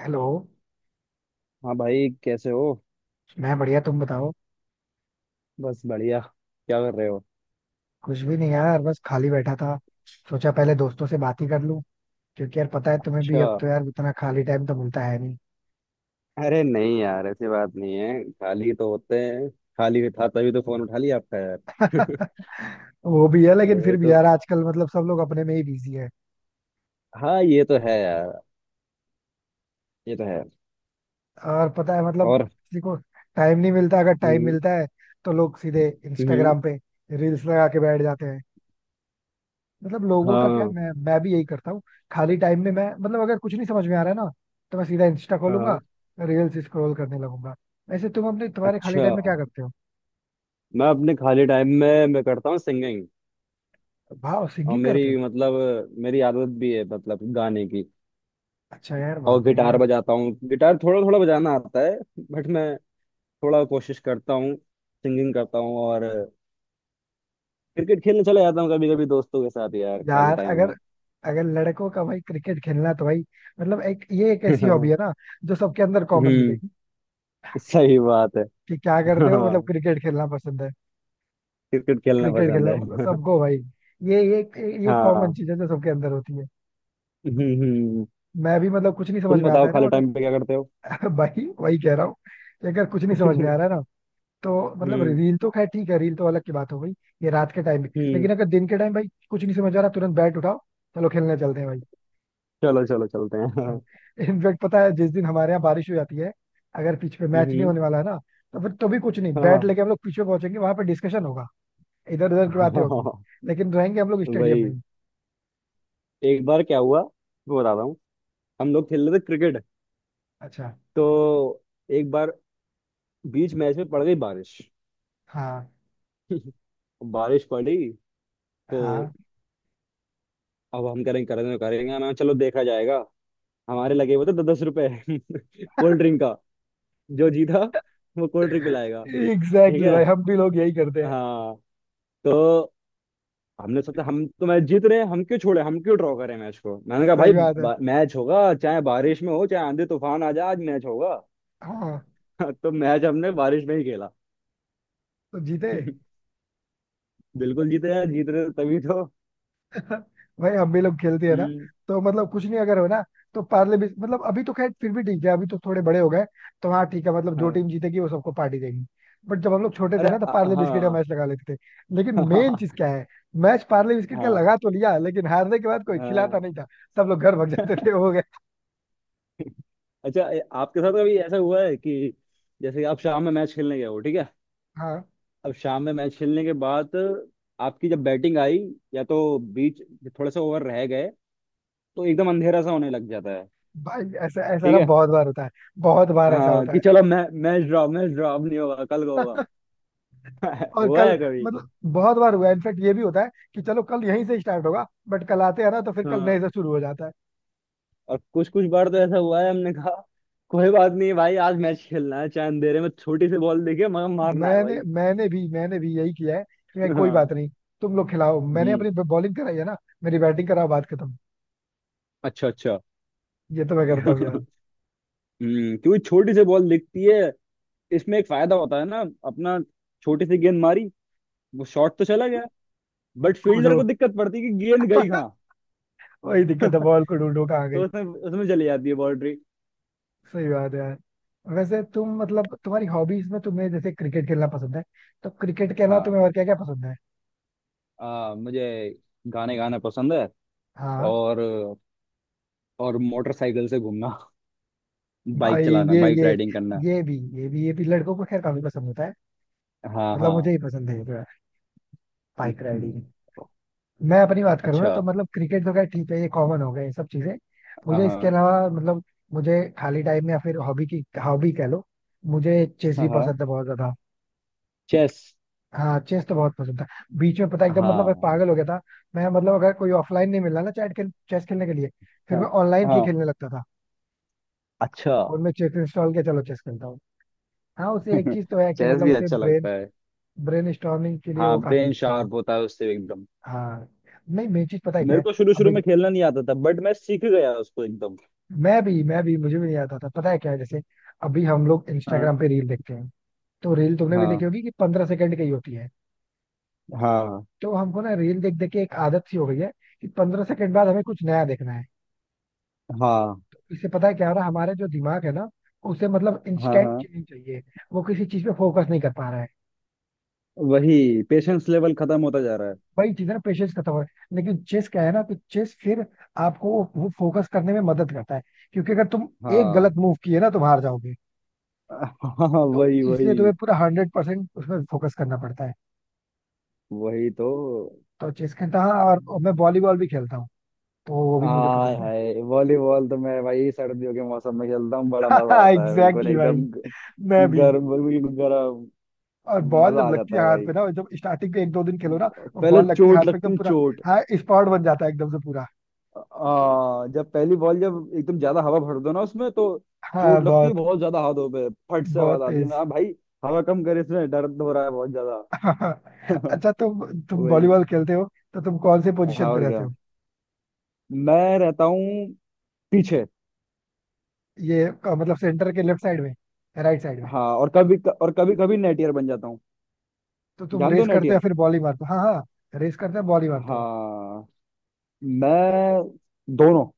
Hello. हाँ भाई, कैसे हो। मैं बढ़िया, तुम बताओ। बस बढ़िया। क्या कर रहे हो? कुछ भी नहीं यार, बस खाली बैठा था। सोचा पहले दोस्तों से बात ही कर लूं, क्योंकि यार पता है तुम्हें भी, अच्छा। अब तो यार उतना खाली टाइम तो मिलता है नहीं। अरे नहीं यार, ऐसी बात नहीं है, खाली तो होते हैं। खाली था तभी तो फोन उठा लिया आपका यार। वो भी है, लेकिन फिर वही भी तो। यार आजकल मतलब सब लोग अपने में ही बिजी है। हाँ, ये तो है यार। ये तो है। और पता है मतलब और। किसी को टाइम नहीं मिलता, अगर टाइम हम्म, मिलता है तो लोग सीधे हम्म। इंस्टाग्राम पे रील्स लगा के बैठ जाते हैं। मतलब लोगों का क्या है, हाँ, मैं भी यही करता हूँ। खाली टाइम में मैं मतलब अगर कुछ नहीं समझ में आ रहा है ना, तो मैं सीधा इंस्टा खोलूंगा, हाँ। रील्स स्क्रॉल करने लगूंगा। वैसे तुम अपने तुम्हारे खाली अच्छा। टाइम में क्या करते हो? मैं अपने खाली टाइम में मैं करता हूँ सिंगिंग। भाव और सिंगिंग करते हो? मेरी मतलब, मेरी आदत भी है मतलब गाने की। अच्छा यार, बहुत और बढ़िया गिटार यार। बजाता हूँ, गिटार थोड़ा थोड़ा बजाना आता है। बट मैं थोड़ा कोशिश करता हूँ सिंगिंग करता हूँ। और क्रिकेट खेलने चला जाता हूँ कभी कभी दोस्तों के साथ यार, खाली यार टाइम में। अगर अगर लड़कों का भाई क्रिकेट खेलना तो भाई, मतलब एक ये एक ऐसी हॉबी है ना, जो सबके अंदर कॉमन मिलेगी, हम्म। सही बात है। कि क्या करते हो, हाँ। मतलब क्रिकेट खेलना पसंद है। क्रिकेट खेलना क्रिकेट पसंद खेलना मतलब है। सबको भाई। ये ये ये कॉमन हाँ। चीज है, जो सबके अंदर होती है। हम्म, हम्म। मैं भी मतलब कुछ नहीं समझ तुम में आता बताओ है खाली टाइम पे ना। क्या करते हो? भाई वही कह रहा हूँ कि अगर कुछ नहीं समझ में आ रहा है ना, तो मतलब हम्म। रील तो खैर ठीक है, रील तो अलग की बात हो गई। ये रात के टाइम में, लेकिन हम्म। अगर दिन के टाइम भाई कुछ नहीं समझ आ रहा, तुरंत बैट उठाओ, चलो खेलने चलते हैं भाई। चलो, चलो, चलते हैं। हाँ। इनफैक्ट पता है, जिस दिन हमारे यहाँ बारिश हो जाती है, अगर पिच पे मैच नहीं हम्म। होने वाला है ना, तो फिर तो भी कुछ नहीं, हाँ, बैट लेके हम लोग पिच पे पहुंचेंगे, वहां पे डिस्कशन होगा, इधर उधर की बातें होगी, हाँ। लेकिन रहेंगे हम लोग स्टेडियम में वही। ही। एक बार क्या हुआ, वो बता रहा हूँ। हम लोग खेल रहे थे क्रिकेट। अच्छा। तो एक बार बीच मैच में पड़ गई बारिश। हाँ बारिश पड़ी। तो हाँ। अब हम करेंगे, करेंगे, करेंगे ना, चलो देखा जाएगा। हमारे लगे हुए थे दस दस रुपए। कोल्ड ड्रिंक का, जो जीता वो कोल्ड ड्रिंक पिलाएगा। एग्जैक्टली ठीक exactly है। भाई, हम भी लोग यही करते हैं। हाँ। तो हमने सोचा हम तो मैच जीत रहे हैं, हम क्यों छोड़े, हम क्यों ड्रॉ करें मैच को, मैंने कहा सही बात है। भाई, मैच होगा, चाहे बारिश में हो चाहे आंधी तूफान आ जाए, आज मैच होगा। हाँ। तो मैच हमने बारिश में ही खेला। तो जीते? बिल्कुल जीते यार, जीत रहे थे तभी तो। भाई हम भी लोग खेलते हैं ना, हम्म। तो मतलब कुछ नहीं अगर हो ना, तो पार्ले भी मतलब अभी तो खैर फिर भी ठीक है, अभी तो थोड़े बड़े हो गए, तो हाँ ठीक है, मतलब जो हाँ। टीम जीतेगी वो सबको पार्टी देगी। बट जब हम लोग छोटे थे अरे, ना तो पार्ले बिस्किट का हाँ। मैच लगा लेते थे। लेकिन मेन चीज क्या है, मैच पार्ले बिस्किट का हाँ, लगा तो लिया, लेकिन हारने के बाद कोई खिलाता हाँ। नहीं था, सब लोग घर भाग जाते थे। हो गए। अच्छा, आपके साथ कभी ऐसा हुआ है कि जैसे आप शाम में मैच खेलने गए हो, ठीक है। हाँ। अब शाम में मैच खेलने के बाद आपकी जब बैटिंग आई, या तो बीच, थोड़े से ओवर रह गए, तो एकदम अंधेरा सा होने लग जाता है। भाई ऐसा ऐसा ठीक ना है। बहुत बार होता है, बहुत बार ऐसा हाँ होता है। कि चलो मैच ड्रॉ, मैच ड्रॉ अब नहीं होगा, कल को होगा। और हुआ कल है कभी? मतलब बहुत बार हुआ, इनफेक्ट ये भी होता है कि चलो कल यहीं से स्टार्ट होगा, बट कल आते हैं ना तो फिर कल नए हाँ। से शुरू हो जाता है। और कुछ कुछ बार तो ऐसा हुआ है, हमने कहा कोई बात नहीं भाई, आज मैच खेलना है, चाहे अंधेरे में छोटी सी बॉल देखे मगर मारना है मैंने भाई। मैंने भी यही किया है, कि मैं कोई बात हाँ। नहीं, तुम लोग खिलाओ, मैंने हम्म। अपनी बॉलिंग कराई है ना, मेरी बैटिंग कराओ, बात खत्म। अच्छा, अच्छा। ये तो मैं करता हूँ यार। क्योंकि छोटी सी बॉल दिखती है, इसमें एक फायदा होता है ना, अपना, छोटी सी गेंद मारी, वो शॉट तो चला गया। बट फील्डर खोजो। को दिक्कत पड़ती है कि गेंद गई कहाँ। वही दिक्कत है, बॉल को ढूंढो कहाँ गई। तो उसमें उसमें चली जाती है बाउंड्री। सही बात है यार। वैसे तुम मतलब तुम्हारी हॉबीज में तुम्हें जैसे क्रिकेट खेलना पसंद है, तो क्रिकेट के अलावा हाँ। तुम्हें और क्या क्या पसंद है? मुझे गाने गाना पसंद है। हाँ और और मोटरसाइकिल से घूमना, भाई, बाइक चलाना, ये बाइक ये राइडिंग करना। ये भी लड़कों को खैर काफी पसंद होता है, हाँ, मतलब मुझे हाँ। ही पसंद है ये तो यार। बाइक हम्म, राइडिंग। मैं अपनी बात करूँ ना, अच्छा। तो मतलब क्रिकेट तो खैर ठीक है, ये कॉमन हो गए ये सब चीजें। हाँ, मुझे इसके हाँ, अलावा मतलब, मुझे खाली टाइम में या फिर हॉबी की हॉबी कह लो, मुझे चेस भी हाँ। पसंद है बहुत ज्यादा। चेस। हाँ चेस तो बहुत पसंद था। बीच में पता है, एकदम मतलब मैं हाँ, पागल हो गया था। मैं मतलब अगर कोई ऑफलाइन नहीं मिला ना चैट खेल चेस खेलने के लिए, फिर हाँ, मैं ऑनलाइन ही हाँ। खेलने लगता था। अच्छा। फोन में चेस इंस्टॉल किया, चलो चेस खेलता हूँ। हाँ, उसे एक चीज तो है कि चेस मतलब भी उसे अच्छा ब्रेन, लगता है। ब्रेन स्टॉर्मिंग के लिए हाँ, वो काफी ब्रेन अच्छा है। शार्प होता है उससे एकदम। हाँ। नहीं, मेन चीज पता है क्या मेरे है। को शुरू अब शुरू में खेलना नहीं आता था बट मैं सीख गया उसको एकदम। मैं भी मुझे भी नहीं आता था। पता है क्या है, जैसे अभी हम लोग हाँ, इंस्टाग्राम पे रील देखते हैं, तो रील तुमने भी हाँ, देखी होगी कि 15 सेकंड की ही होती है। हाँ, तो हमको ना रील देख देख के एक आदत सी हो गई है, कि 15 सेकंड बाद हमें कुछ नया देखना है। हाँ, इससे पता है क्या हो रहा है, हमारे जो दिमाग है ना, उसे मतलब हाँ, इंस्टेंट हाँ। चीजें चाहिए, वो किसी चीज पे फोकस नहीं कर पा रहा है। वही, पेशेंस लेवल खत्म होता जा रहा है। वही चीज है ना, पेशेंस खत्म हो रहा है। लेकिन चेस क्या है ना, कि चेस फिर आपको वो फोकस करने में मदद करता है, क्योंकि अगर तुम एक गलत हाँ, मूव किए ना तुम हार जाओगे, हाँ। तो वही, इसलिए वही। तुम्हें पूरा 100% उसमें फोकस करना पड़ता है। वही तो। तो चेस खेलता हूँ, और मैं वॉलीबॉल भी खेलता हूँ, तो वो भी मुझे आय पसंद है। हाय, वॉलीबॉल तो मैं भाई सर्दियों के मौसम में खेलता हूँ, बड़ा मजा आता है, बिल्कुल एग्जैक्टली exactly एकदम भाई, मैं भी। गर्म, बिल्कुल गर्म। और बॉल मजा जब आ लगती जाता है है हाथ भाई। पे ना, जब स्टार्टिंग पे एक दो दिन खेलो ना, और पहले बॉल लगती है चोट हाथ पे लगती एकदम है, पूरा। चोट। हाँ स्पॉट बन जाता है एकदम से पूरा। जब पहली बॉल जब एकदम ज्यादा हवा भर दो ना उसमें तो हाँ चोट लगती है बहुत, बहुत ज्यादा हाथों पे, फट से बहुत आवाज आती है तेज। ना भाई। हवा कम करे, इसमें दर्द हो रहा है बहुत ज्यादा। अच्छा, तुम वही। वॉलीबॉल खेलते हो तो तुम कौन से हाँ पोजीशन पे और रहते क्या। हो? मैं रहता हूँ पीछे। ये अ, मतलब सेंटर के लेफ्ट साइड में, राइट साइड में, हाँ और कभी कभी नेटियर बन जाता हूँ। तो तुम जान दो रेस करते हो या नेटियर। फिर बॉल ही मारते हो? हाँ हाँ। रेस करते हो बॉल ही मारते हो। हाँ, मैं दोनों।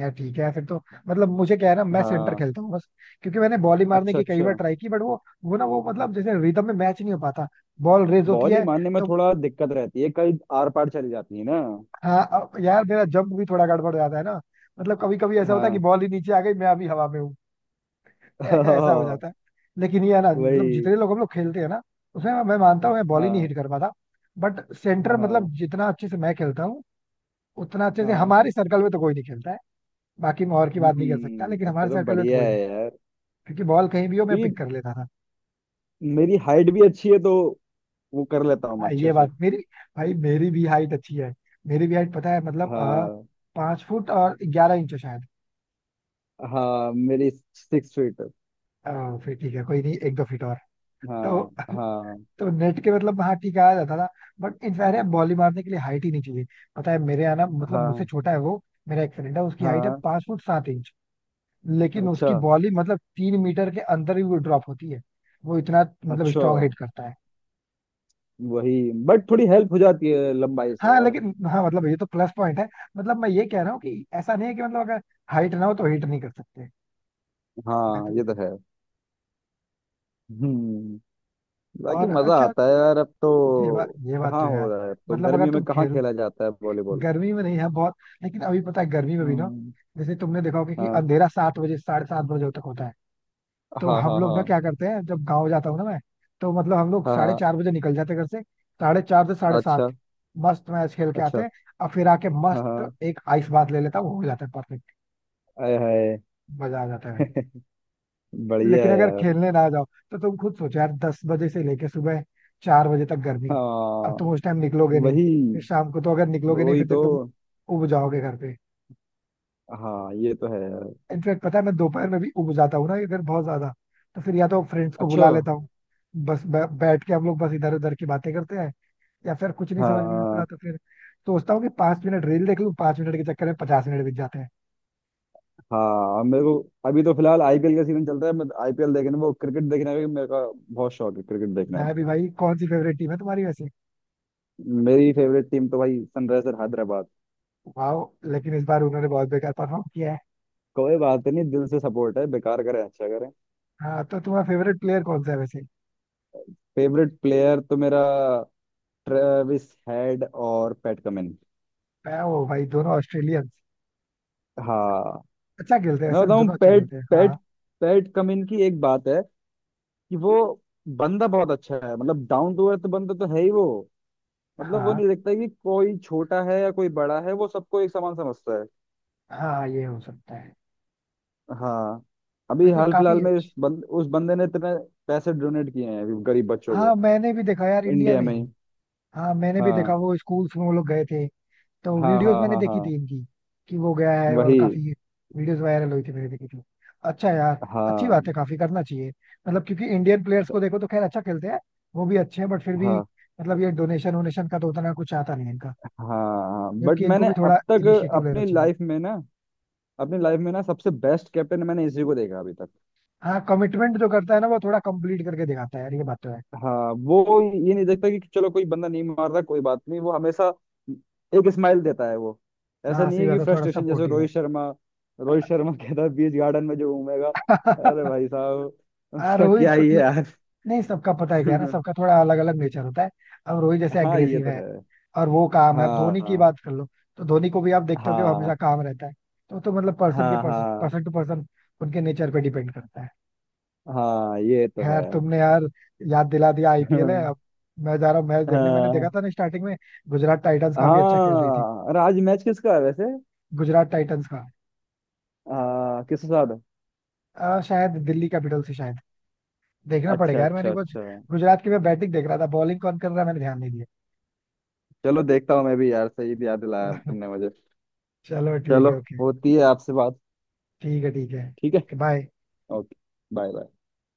यार ठीक है फिर तो, मतलब मुझे क्या है ना, मैं सेंटर हाँ, खेलता हूँ बस, क्योंकि मैंने बॉली मारने अच्छा, की कई बार अच्छा। ट्राई की, बट वो मतलब जैसे रिदम में मैच नहीं हो पाता, बॉल रेज होती बॉल ही है। मारने में तो थोड़ा दिक्कत रहती है, कई आर पार चली जाती है ना। हाँ अब यार, मेरा जंप भी थोड़ा गड़बड़ हो जाता है ना, मतलब कभी कभी ऐसा होता है कि हाँ। बॉल ही नीचे आ गई, मैं अभी हवा में हूँ। ऐसा हो जाता है। हाँ, लेकिन ये है ना, मतलब वही। जितने लोग हम लोग खेलते हैं ना, उसमें मैं मानता हूँ, मैं बॉल ही नहीं हाँ, हिट कर पाता, बट सेंटर मतलब हाँ, जितना अच्छे से मैं खेलता हूँ, उतना अच्छे से हाँ। हमारे सर्कल में तो कोई नहीं खेलता है। बाकी मैं और की बात नहीं कर सकता, लेकिन अच्छा हमारे तो सर्कल में तो बढ़िया कोई नहीं, है यार। क्योंकि बॉल कहीं भी हो मैं क्योंकि पिक कर लेता था। मेरी हाइट भी अच्छी है तो वो कर लेता हूँ मैं हाँ अच्छे ये से। बात मेरी, भाई मेरी भी हाइट अच्छी है, मेरी भी हाइट पता है मतलब आ, हाँ। 5 फुट और 11 इंच हो शायद। हाँ, मेरी सिक्स फीट। अ, फिर ठीक है कोई नहीं, एक दो फीट और। हाँ, तो हाँ, तो नेट के मतलब हाँ ठीक है, आ जाता था, बट इनफैक्ट यार बॉली मारने के लिए हाइट ही नहीं चाहिए। पता है मेरे यहाँ ना, मतलब मुझसे हाँ, छोटा है वो, मेरा एक फ्रेंड है, उसकी हाइट है हाँ। 5 फुट 7 इंच, लेकिन अच्छा, उसकी बॉली मतलब 3 मीटर के अंदर ही वो ड्रॉप होती है। वो इतना मतलब अच्छा। स्ट्रॉन्ग हिट करता है। वही। बट थोड़ी हेल्प हो जाती है लंबाई से हाँ यार। लेकिन हाँ मतलब ये तो प्लस पॉइंट है, मतलब मैं ये कह रहा हूँ कि ऐसा नहीं है कि मतलब अगर हाइट ना हो तो हिट नहीं कर सकते, मैं हाँ, तो। ये तो है। हम्म। बाकी और मजा अच्छा आता है यार, अब ये बात तो। ये बात तो कहाँ है हो यार। रहा है अब तो, मतलब अगर गर्मियों में तुम कहाँ खेल, खेला जाता है वॉलीबॉल? गर्मी में नहीं है बहुत, लेकिन अभी पता है गर्मी में भी ना, हम्म। जैसे तुमने देखा होगा कि हाँ, अंधेरा 7 बजे साढ़े 7 बजे तक होता है। तो हाँ, हम हाँ। लोग ना हाँ, क्या करते हैं, जब गाँव जाता हूँ ना मैं, तो मतलब हम लोग हाँ, साढ़े हाँ। चार बजे निकल जाते हैं घर से। साढ़े 4 से साढ़े 7 अच्छा, मस्त मैच खेल के आते अच्छा। हैं, और फिर आके हाँ, मस्त हाँ। एक आइस बात ले लेता हूँ, हो जाता है परफेक्ट। आय हाय। मजा आ जाता है भाई। बढ़िया लेकिन है अगर यार। खेलने ना जाओ, तो तुम खुद सोचो यार, 10 बजे से लेके सुबह 4 बजे तक गर्मी, अब हाँ। तुम उस टाइम निकलोगे नहीं, वही। फिर शाम को तो अगर निकलोगे नहीं, वही फिर तो तो। तुम उब जाओगे घर पे। हाँ, ये तो है यार। इनफैक्ट पता है, मैं दोपहर में भी उब जाता हूँ ना अगर बहुत ज्यादा, तो फिर या तो फ्रेंड्स को अच्छा। बुला लेता हूँ, बस बैठ के हम लोग बस इधर उधर की बातें करते हैं, या फिर कुछ नहीं समझ में आता हाँ, तो फिर सोचता हूँ कि 5 मिनट रील देख लूँ, 5 मिनट के चक्कर में 50 मिनट बीत जाते हैं। हाँ, अब मेरे को, अभी तो फिलहाल आईपीएल का सीजन चल रहा है, मैं आईपीएल देखने, वो क्रिकेट देखने का भी मेरे का बहुत शौक है, क्रिकेट देखना है। मैं भी भाई। कौन सी फेवरेट टीम है तुम्हारी वैसे? मेरी फेवरेट टीम तो भाई सनराइजर हैदराबाद। वाह। लेकिन इस बार उन्होंने बहुत बेकार परफॉर्म किया है। कोई बात नहीं, दिल से सपोर्ट है, बेकार करें अच्छा करें। हाँ तो तुम्हारा फेवरेट प्लेयर कौन सा है वैसे? फेवरेट प्लेयर तो मेरा ट्रेविस हेड और पैट कमिंस। मैं वो भाई दोनों ऑस्ट्रेलियंस हाँ। अच्छा खेलते हैं, मैं वैसे बताऊं, दोनों अच्छा पैट खेलते हैं पैट हाँ। पैट कमिंस की एक बात है कि वो बंदा बहुत अच्छा है, मतलब डाउन टू अर्थ बंदा तो है ही वो। मतलब वो हाँ नहीं देखता कि कोई छोटा है या कोई बड़ा है, वो सबको एक समान समझता है। हाँ, ये हो सकता है। हाँ। अभी वैसे हाल काफी फिलहाल में उस अच्छी। बंद उस बंदे ने इतने पैसे डोनेट किए हैं अभी गरीब बच्चों हाँ को। मैंने भी देखा यार, इंडिया इंडिया में में ही। ही। हाँ मैंने भी हाँ, देखा, वो स्कूल्स में वो लोग गए थे, तो हाँ, वीडियोस हाँ, मैंने हाँ, देखी हाँ। थी इनकी, कि वो गया है, और वही। काफी वीडियोस वायरल हुई थी, मैंने देखी थी। अच्छा यार, अच्छी बात हाँ, है, काफी करना चाहिए। मतलब क्योंकि इंडियन प्लेयर्स को देखो तो खैर अच्छा खेलते हैं, वो भी अच्छे हैं बट फिर भी हाँ, मतलब ये डोनेशन वोनेशन का तो उतना कुछ आता नहीं है इनका, हाँ। बट जबकि इनको मैंने भी थोड़ा अब तक, इनिशिएटिव लेना अपनी चाहिए। लाइफ में ना अपनी लाइफ में ना सबसे बेस्ट कैप्टन मैंने इसी को देखा अभी तक। हाँ कमिटमेंट जो करता है ना, वो थोड़ा कंप्लीट करके दिखाता है यार, ये बात तो है। हाँ, वो ये नहीं देखता कि चलो कोई बंदा नहीं मार रहा, कोई बात नहीं, वो हमेशा एक स्माइल देता है वो। ऐसा हाँ नहीं सही है कि बात है, थोड़ा फ्रस्ट्रेशन, जैसे सपोर्टिव है। रोहित शर्मा कहता है बीच गार्डन में जो घूमेगा, अरे भाई साहब, हाँ, उसका रोहित क्या को ही है ठीक है। यार। नहीं, सबका पता है क्या है ना, सबका थोड़ा अलग अलग नेचर होता है। अब रोहित जैसे हाँ, ये एग्रेसिव तो है, है। और वो काम है। अब धोनी की हाँ, बात कर लो, तो धोनी को भी आप देखते हो कि वो हाँ, हमेशा काम रहता है। तो मतलब पर्सन के हाँ, पर्सन हाँ, पर्सन टू पर्सन, उनके नेचर पे डिपेंड करता है। हाँ, ये तो है। खैर तुमने यार याद दिला दिया, आईपीएल है अब, मैं जा रहा हूँ मैच देखने। मैंने देखा हाँ, था ना स्टार्टिंग में, गुजरात टाइटंस काफी अच्छा खेल रही थी। हाँ, अरे आज मैच किसका है वैसे? गुजरात टाइटंस का। हाँ, किसके साथ है? अ, शायद दिल्ली कैपिटल से शायद, देखना अच्छा, पड़ेगा यार, मैंने अच्छा, कुछ, अच्छा। गुजरात की मैं बैटिंग देख रहा था, बॉलिंग कौन कर रहा है मैंने ध्यान नहीं दिया। चलो देखता हूँ मैं भी यार, सही याद दिलाया तुमने मुझे। चलो ठीक चलो। है ओके। होती है आपसे बात। ठीक ठीक है, है बाय। ओके। Bye, bye.